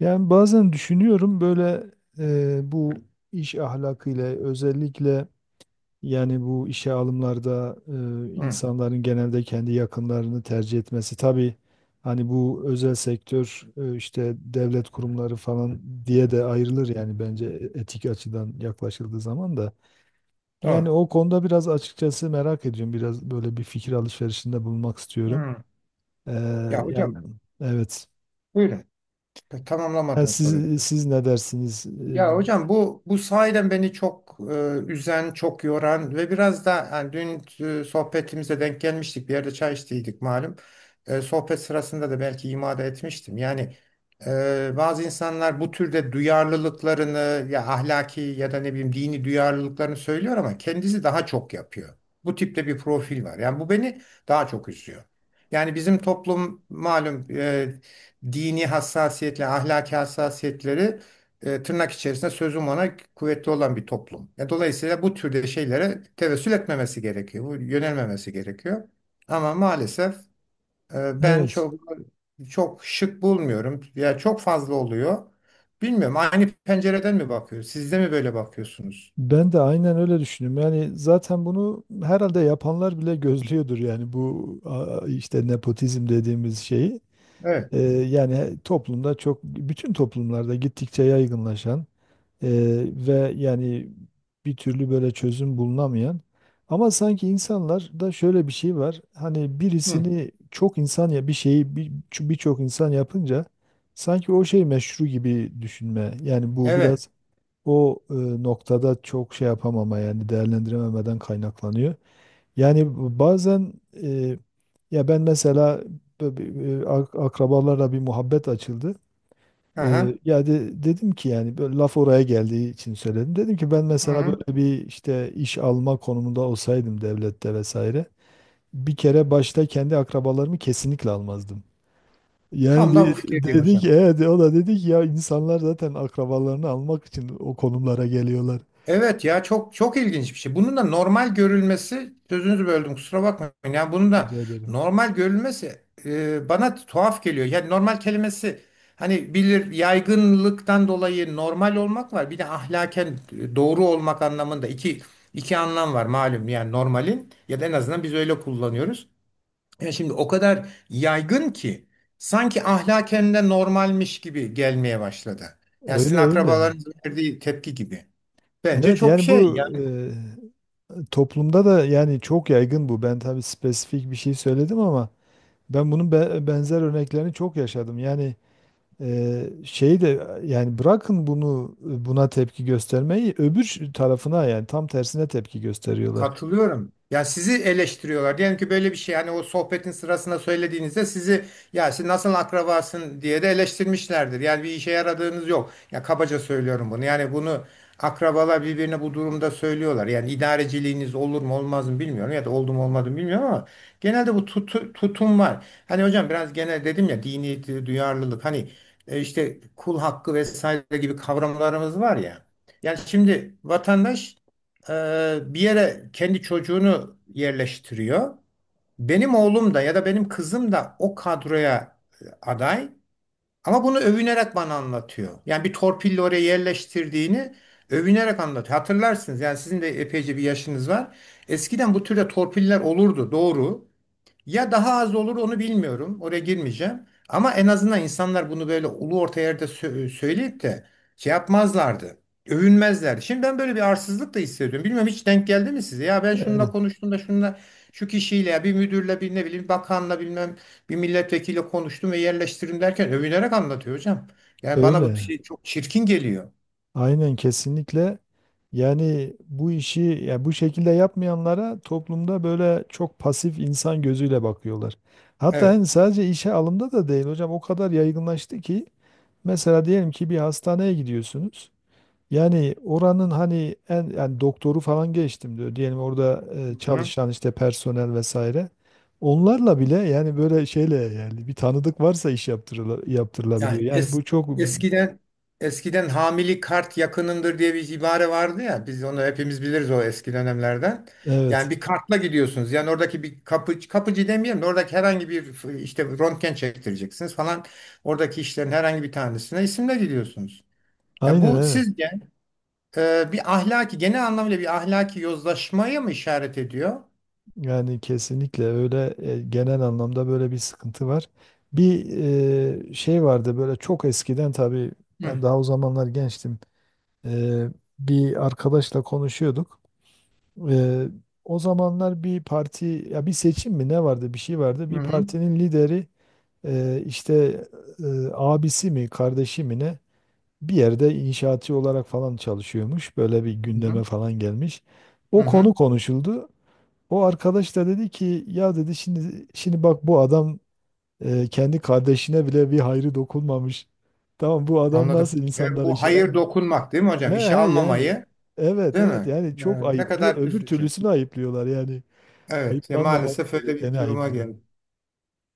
Yani bazen düşünüyorum böyle bu iş ahlakıyla özellikle yani bu işe alımlarda Hı, insanların genelde kendi yakınlarını tercih etmesi. Tabii hani bu özel sektör işte devlet kurumları falan diye de ayrılır yani bence etik açıdan yaklaşıldığı zaman da. Yani doğru. o konuda biraz açıkçası merak ediyorum. Biraz böyle bir fikir alışverişinde bulunmak istiyorum. Hı. E, Ya hocam Yani evet. buyurun. Yani Tamamlamadığını siz, soruyorum. siz ne dersiniz? Ya hocam bu sahiden beni çok üzen, çok yoran ve biraz da yani dün sohbetimize denk gelmiştik. Bir yerde çay içtiydik malum. Sohbet sırasında da belki imada etmiştim. Yani bazı insanlar bu türde duyarlılıklarını ya ahlaki ya da ne bileyim dini duyarlılıklarını söylüyor ama kendisi daha çok yapıyor. Bu tipte bir profil var. Yani bu beni daha çok üzüyor. Yani bizim toplum malum dini hassasiyetle, ahlaki hassasiyetleri tırnak içerisinde sözüm ona kuvvetli olan bir toplum. Dolayısıyla bu türde şeylere tevessül etmemesi gerekiyor. Bu yönelmemesi gerekiyor. Ama maalesef ben Evet. çok çok şık bulmuyorum. Ya çok fazla oluyor. Bilmiyorum. Aynı pencereden mi bakıyoruz? Siz de mi böyle bakıyorsunuz? Ben de aynen öyle düşünüyorum. Yani zaten bunu herhalde yapanlar bile gözlüyordur yani bu işte nepotizm dediğimiz şeyi. Evet. Yani toplumda çok bütün toplumlarda gittikçe yaygınlaşan e, ve yani bir türlü böyle çözüm bulunamayan ama sanki insanlarda şöyle bir şey var. Hani Hı. birisini çok insan ya bir şeyi birçok insan yapınca sanki o şey meşru gibi düşünme. Yani bu Evet. biraz o noktada çok şey yapamama yani değerlendirememeden kaynaklanıyor. Yani bazen e, ya ben mesela akrabalarla bir muhabbet açıldı. E, Aha. ya dedim ki yani böyle laf oraya geldiği için söyledim. Dedim ki ben Hı mesela hı. böyle bir işte iş alma konumunda olsaydım devlette vesaire bir kere başta kendi akrabalarımı kesinlikle almazdım. Yani Tam da bu fikirdeyim dedik, hocam. evet o da dedi ki ya insanlar zaten akrabalarını almak için o konumlara geliyorlar. Evet, ya çok çok ilginç bir şey. Bunun da normal görülmesi sözünüzü böldüm kusura bakmayın. Yani bunun da Rica ederim. normal görülmesi bana tuhaf geliyor. Yani normal kelimesi hani bilir yaygınlıktan dolayı normal olmak var. Bir de ahlaken doğru olmak anlamında iki iki anlam var malum. Yani normalin ya da en azından biz öyle kullanıyoruz. Yani şimdi o kadar yaygın ki sanki ahlaken de normalmiş gibi gelmeye başladı. Yani sizin Öyle öyle. akrabalarınızın verdiği tepki gibi. Bence Evet çok yani şey bu yani toplumda da yani çok yaygın bu. Ben tabii spesifik bir şey söyledim ama ben bunun benzer örneklerini çok yaşadım. Yani şey de yani bırakın bunu buna tepki göstermeyi öbür tarafına yani tam tersine tepki gösteriyorlar. katılıyorum. Ya sizi eleştiriyorlar. Diyelim ki böyle bir şey hani o sohbetin sırasında söylediğinizde sizi ya siz nasıl akrabasın diye de eleştirmişlerdir. Yani bir işe yaradığınız yok. Ya kabaca söylüyorum bunu. Yani bunu akrabalar birbirine bu durumda söylüyorlar. Yani idareciliğiniz olur mu olmaz mı bilmiyorum ya da oldu mu olmadı mı bilmiyorum ama genelde bu tutum var. Hani hocam biraz genel dedim ya dini duyarlılık hani işte kul hakkı vesaire gibi kavramlarımız var ya. Yani şimdi vatandaş bir yere kendi çocuğunu yerleştiriyor. Benim oğlum da ya da benim kızım da o kadroya aday. Ama bunu övünerek bana anlatıyor. Yani bir torpille oraya yerleştirdiğini övünerek anlatıyor. Hatırlarsınız yani sizin de epeyce bir yaşınız var. Eskiden bu türde torpiller olurdu doğru. Ya daha az olur onu bilmiyorum. Oraya girmeyeceğim. Ama en azından insanlar bunu böyle ulu orta yerde söyleyip de şey yapmazlardı. Övünmezler. Şimdi ben böyle bir arsızlık da hissediyorum. Bilmiyorum hiç denk geldi mi size? Ya ben şununla Evet, konuştuğumda şununla şu kişiyle ya bir müdürle bir ne bileyim bakanla bilmem bir milletvekiliyle konuştum ve yerleştirdim derken övünerek anlatıyor hocam. Yani bana bu öyle. şey çok çirkin geliyor. Aynen kesinlikle. Yani bu işi ya bu şekilde yapmayanlara toplumda böyle çok pasif insan gözüyle bakıyorlar. Hatta Evet. hani sadece işe alımda da değil hocam o kadar yaygınlaştı ki mesela diyelim ki bir hastaneye gidiyorsunuz. Yani oranın hani en yani doktoru falan geçtim diyor. Diyelim orada çalışan işte personel vesaire. Onlarla bile yani böyle şeyle yani bir tanıdık varsa iş yaptırılabiliyor. Yani Yani bu çok eskiden eskiden hamili kart yakınındır diye bir ibare vardı ya. Biz onu hepimiz biliriz o eski dönemlerden. Yani evet. bir kartla gidiyorsunuz. Yani oradaki bir kapı, kapıcı demeyelim de oradaki herhangi bir işte röntgen çektireceksiniz falan. Oradaki işlerin herhangi bir tanesine isimle gidiyorsunuz. Ya Aynen bu evet. sizce bir ahlaki genel anlamıyla bir ahlaki yozlaşmaya mı işaret ediyor? Yani kesinlikle öyle genel anlamda böyle bir sıkıntı var. Bir şey vardı böyle çok eskiden tabii Hı ben daha o zamanlar gençtim. E, Bir arkadaşla konuşuyorduk. E, O zamanlar bir parti ya bir seçim mi ne vardı bir şey vardı. hı Bir hı partinin lideri işte e, abisi mi kardeşi mi ne bir yerde inşaatçı olarak falan çalışıyormuş. Böyle bir gündeme hı. falan gelmiş. Hı. O konu Hı. konuşuldu. O arkadaş da dedi ki ya dedi şimdi bak bu adam kendi kardeşine bile bir hayrı dokunmamış. Tamam bu adam Anladım. nasıl insanlara Bu şey, hayır dokunmak değil mi he hocam? he, İşe yani almamayı evet değil evet mi? yani çok Ne ayıplıyor. kadar Öbür üzücü. türlüsünü ayıplıyorlar yani. Evet, ya Ayıplanmaması maalesef öyle bir gerekeni duruma ayıplıyor. geldi.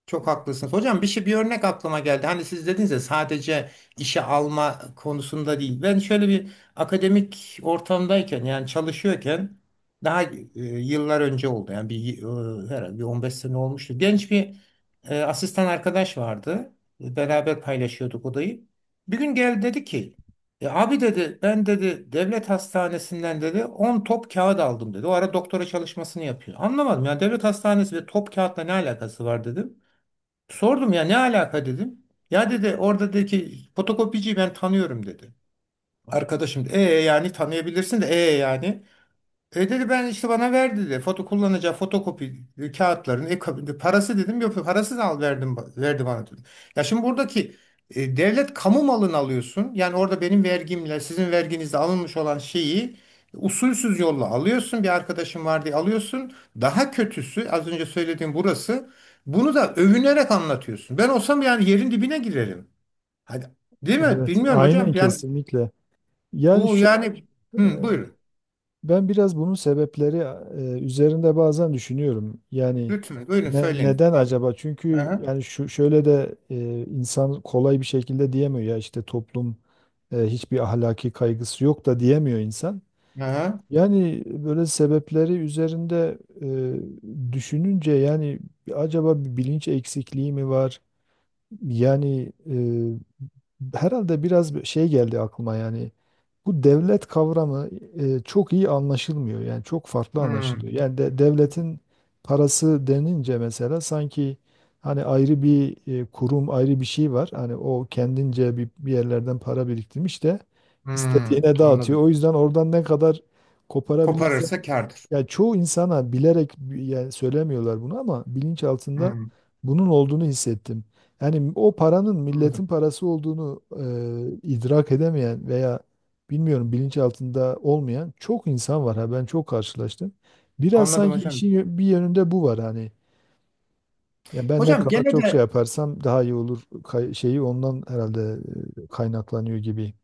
Çok haklısınız. Hocam bir şey bir örnek aklıma geldi. Hani siz dediniz ya sadece işe alma konusunda değil. Ben şöyle bir akademik ortamdayken yani çalışıyorken daha yıllar önce oldu. Yani bir herhalde bir 15 sene olmuştu. Genç bir asistan arkadaş vardı. Beraber paylaşıyorduk odayı. Bir gün geldi dedi ki abi dedi ben dedi devlet hastanesinden dedi 10 top kağıt aldım dedi. O ara doktora çalışmasını yapıyor. Anlamadım yani devlet hastanesi ve top kağıtla ne alakası var dedi. Sordum ya ne alaka dedim. Ya dedi oradaki fotokopiciyi ben tanıyorum dedi. Arkadaşım da, e yani tanıyabilirsin de e yani. E dedi ben işte bana ver dedi. Foto kullanacağı fotokopi kağıtlarını, kabinde parası dedim. Yok parasız al verdim verdi bana dedi. Ya şimdi buradaki devlet kamu malını alıyorsun. Yani orada benim vergimle sizin verginizle alınmış olan şeyi usulsüz yolla alıyorsun. Bir arkadaşım var diye alıyorsun. Daha kötüsü az önce söylediğim burası. Bunu da övünerek anlatıyorsun. Ben olsam yani yerin dibine girerim. Hadi. Değil mi? Evet Bilmiyorum hocam. aynen Yani kesinlikle. Yani bu şu yani hı, buyurun. Ben biraz bunun sebepleri üzerinde bazen düşünüyorum. Yani Lütfen buyurun söyleyin. neden Hayır. acaba? Çünkü yani şu şöyle de insan kolay bir şekilde diyemiyor ya işte toplum hiçbir ahlaki kaygısı yok da diyemiyor insan. Aha. Yani böyle sebepleri üzerinde düşününce yani acaba bir bilinç eksikliği mi var? Yani herhalde biraz bir şey geldi aklıma yani bu devlet kavramı çok iyi anlaşılmıyor. Yani çok farklı Hmm, anlaşılıyor. Yani devletin parası denince mesela sanki hani ayrı bir kurum, ayrı bir şey var. Hani o kendince bir yerlerden para biriktirmiş de hmm, istediğine dağıtıyor. anladım. O yüzden oradan ne kadar koparabilirsen Koparırsa kârdır. ya çoğu insana bilerek yani söylemiyorlar bunu ama bilinç altında Hmm, bunun olduğunu hissettim. Yani o paranın milletin anladım. parası olduğunu idrak edemeyen veya bilmiyorum bilinç altında olmayan çok insan var ha ben çok karşılaştım. Biraz Anladım sanki işin hocam. Bir yönünde bu var hani. Ya benden Hocam kaba gene çok şey de yaparsam daha iyi olur şeyi ondan herhalde kaynaklanıyor gibi.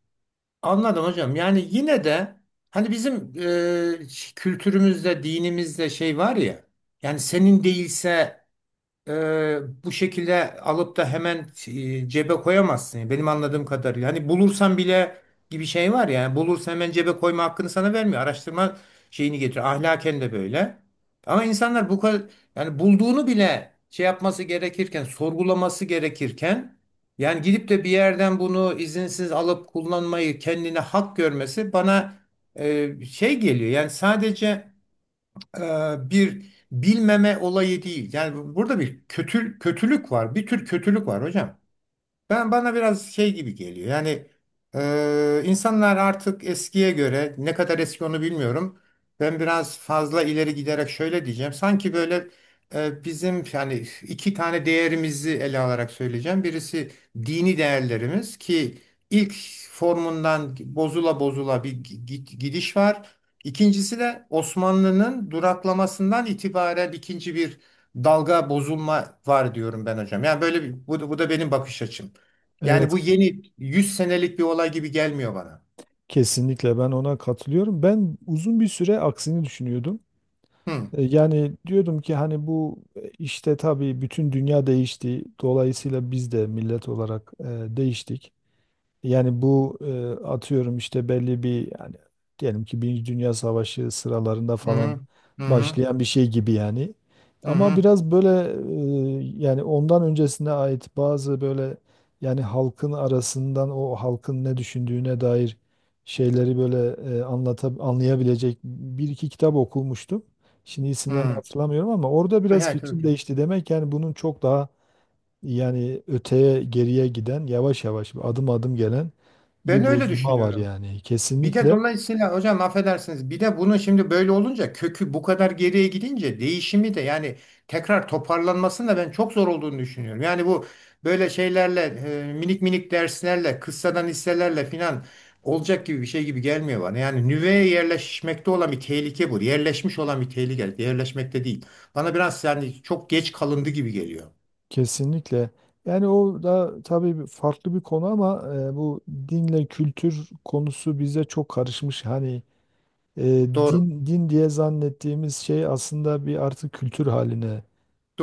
anladım hocam. Yani yine de hani bizim kültürümüzde, dinimizde şey var ya. Yani senin değilse e, bu şekilde alıp da hemen cebe koyamazsın. Yani benim anladığım kadarıyla. Hani bulursan bile gibi şey var ya. Bulursan hemen cebe koyma hakkını sana vermiyor. Araştırma şeyini getiriyor. Ahlaken de böyle. Ama insanlar bu kadar yani bulduğunu bile şey yapması gerekirken, sorgulaması gerekirken yani gidip de bir yerden bunu izinsiz alıp kullanmayı kendine hak görmesi bana şey geliyor. Yani sadece e, bir bilmeme olayı değil. Yani burada bir kötü, kötülük var. Bir tür kötülük var hocam. Ben bana biraz şey gibi geliyor. Yani insanlar artık eskiye göre ne kadar eski onu bilmiyorum. Ben biraz fazla ileri giderek şöyle diyeceğim. Sanki böyle bizim yani iki tane değerimizi ele alarak söyleyeceğim. Birisi dini değerlerimiz ki ilk formundan bozula bozula bir gidiş var. İkincisi de Osmanlı'nın duraklamasından itibaren ikinci bir dalga bozulma var diyorum ben hocam. Yani böyle bir, bu, bu da benim bakış açım. Yani Evet bu yeni 100 senelik bir olay gibi gelmiyor bana. kesinlikle ben ona katılıyorum. Ben uzun bir süre aksini düşünüyordum. Hı Yani diyordum ki hani bu işte tabii bütün dünya değişti. Dolayısıyla biz de millet olarak değiştik. Yani bu atıyorum işte belli bir yani diyelim ki Birinci Dünya Savaşı sıralarında hı falan hı hı başlayan bir şey gibi yani. hı Ama hı. biraz böyle yani ondan öncesine ait bazı böyle yani halkın arasından o halkın ne düşündüğüne dair şeyleri böyle anlayabilecek bir iki kitap okumuştum. Şimdi Hı. isimlerini Hı. hatırlamıyorum ama orada biraz Evet, fikrim evet. değişti. Demek yani bunun çok daha yani öteye geriye giden yavaş yavaş adım adım gelen Ben bir öyle bozulma var düşünüyorum. yani. Bir de Kesinlikle dolayısıyla hocam affedersiniz bir de bunun şimdi böyle olunca kökü bu kadar geriye gidince değişimi de yani tekrar toparlanmasını da ben çok zor olduğunu düşünüyorum. Yani bu böyle şeylerle minik minik derslerle kıssadan hisselerle filan olacak gibi bir şey gibi gelmiyor bana. Yani nüveye yerleşmekte olan bir tehlike bu. Yerleşmiş olan bir tehlike yerleşmekte değil. Bana biraz yani çok geç kalındı gibi geliyor. kesinlikle. Yani o da tabii farklı bir konu ama bu dinle kültür konusu bize çok karışmış. Hani e, Doğru. din din diye zannettiğimiz şey aslında bir artık kültür haline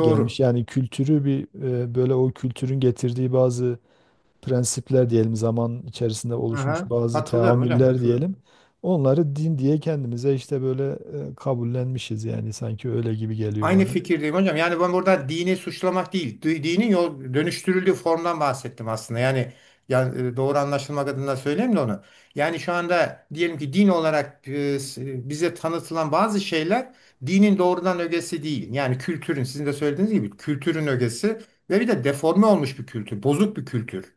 gelmiş. Yani kültürü bir böyle o kültürün getirdiği bazı prensipler diyelim zaman içerisinde oluşmuş Aha. bazı Katılıyorum hocam teamüller katılıyorum. diyelim. Onları din diye kendimize işte böyle kabullenmişiz yani sanki öyle gibi geliyor Aynı bana. fikirdeyim hocam. Yani ben burada dini suçlamak değil, dinin yol dönüştürüldüğü formdan bahsettim aslında. Yani doğru anlaşılmak adına söyleyeyim de onu. Yani şu anda diyelim ki din olarak bize tanıtılan bazı şeyler dinin doğrudan ögesi değil. Yani kültürün, sizin de söylediğiniz gibi kültürün ögesi ve bir de deforme olmuş bir kültür, bozuk bir kültür.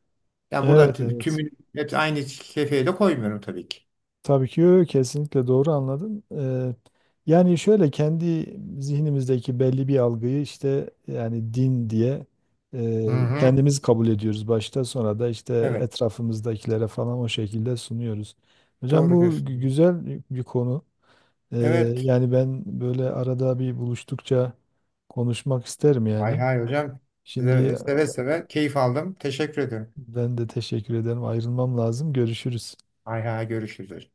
Yani burada Evet evet. tümünü hepsi aynı kefeye de koymuyorum tabii ki. Tabii ki kesinlikle doğru anladım. Yani şöyle kendi zihnimizdeki belli bir algıyı işte yani din diye Hı hı. kendimiz kabul ediyoruz başta sonra da işte Evet, etrafımızdakilere falan o şekilde sunuyoruz. Hocam doğru bu diyorsun. güzel bir konu. Ee, Evet. Yani ben böyle arada bir buluştukça konuşmak isterim Hay yani. hay hocam. Şimdi Size seve seve keyif aldım. Teşekkür ederim. ben de teşekkür ederim. Ayrılmam lazım. Görüşürüz. Hay hay görüşürüz hocam.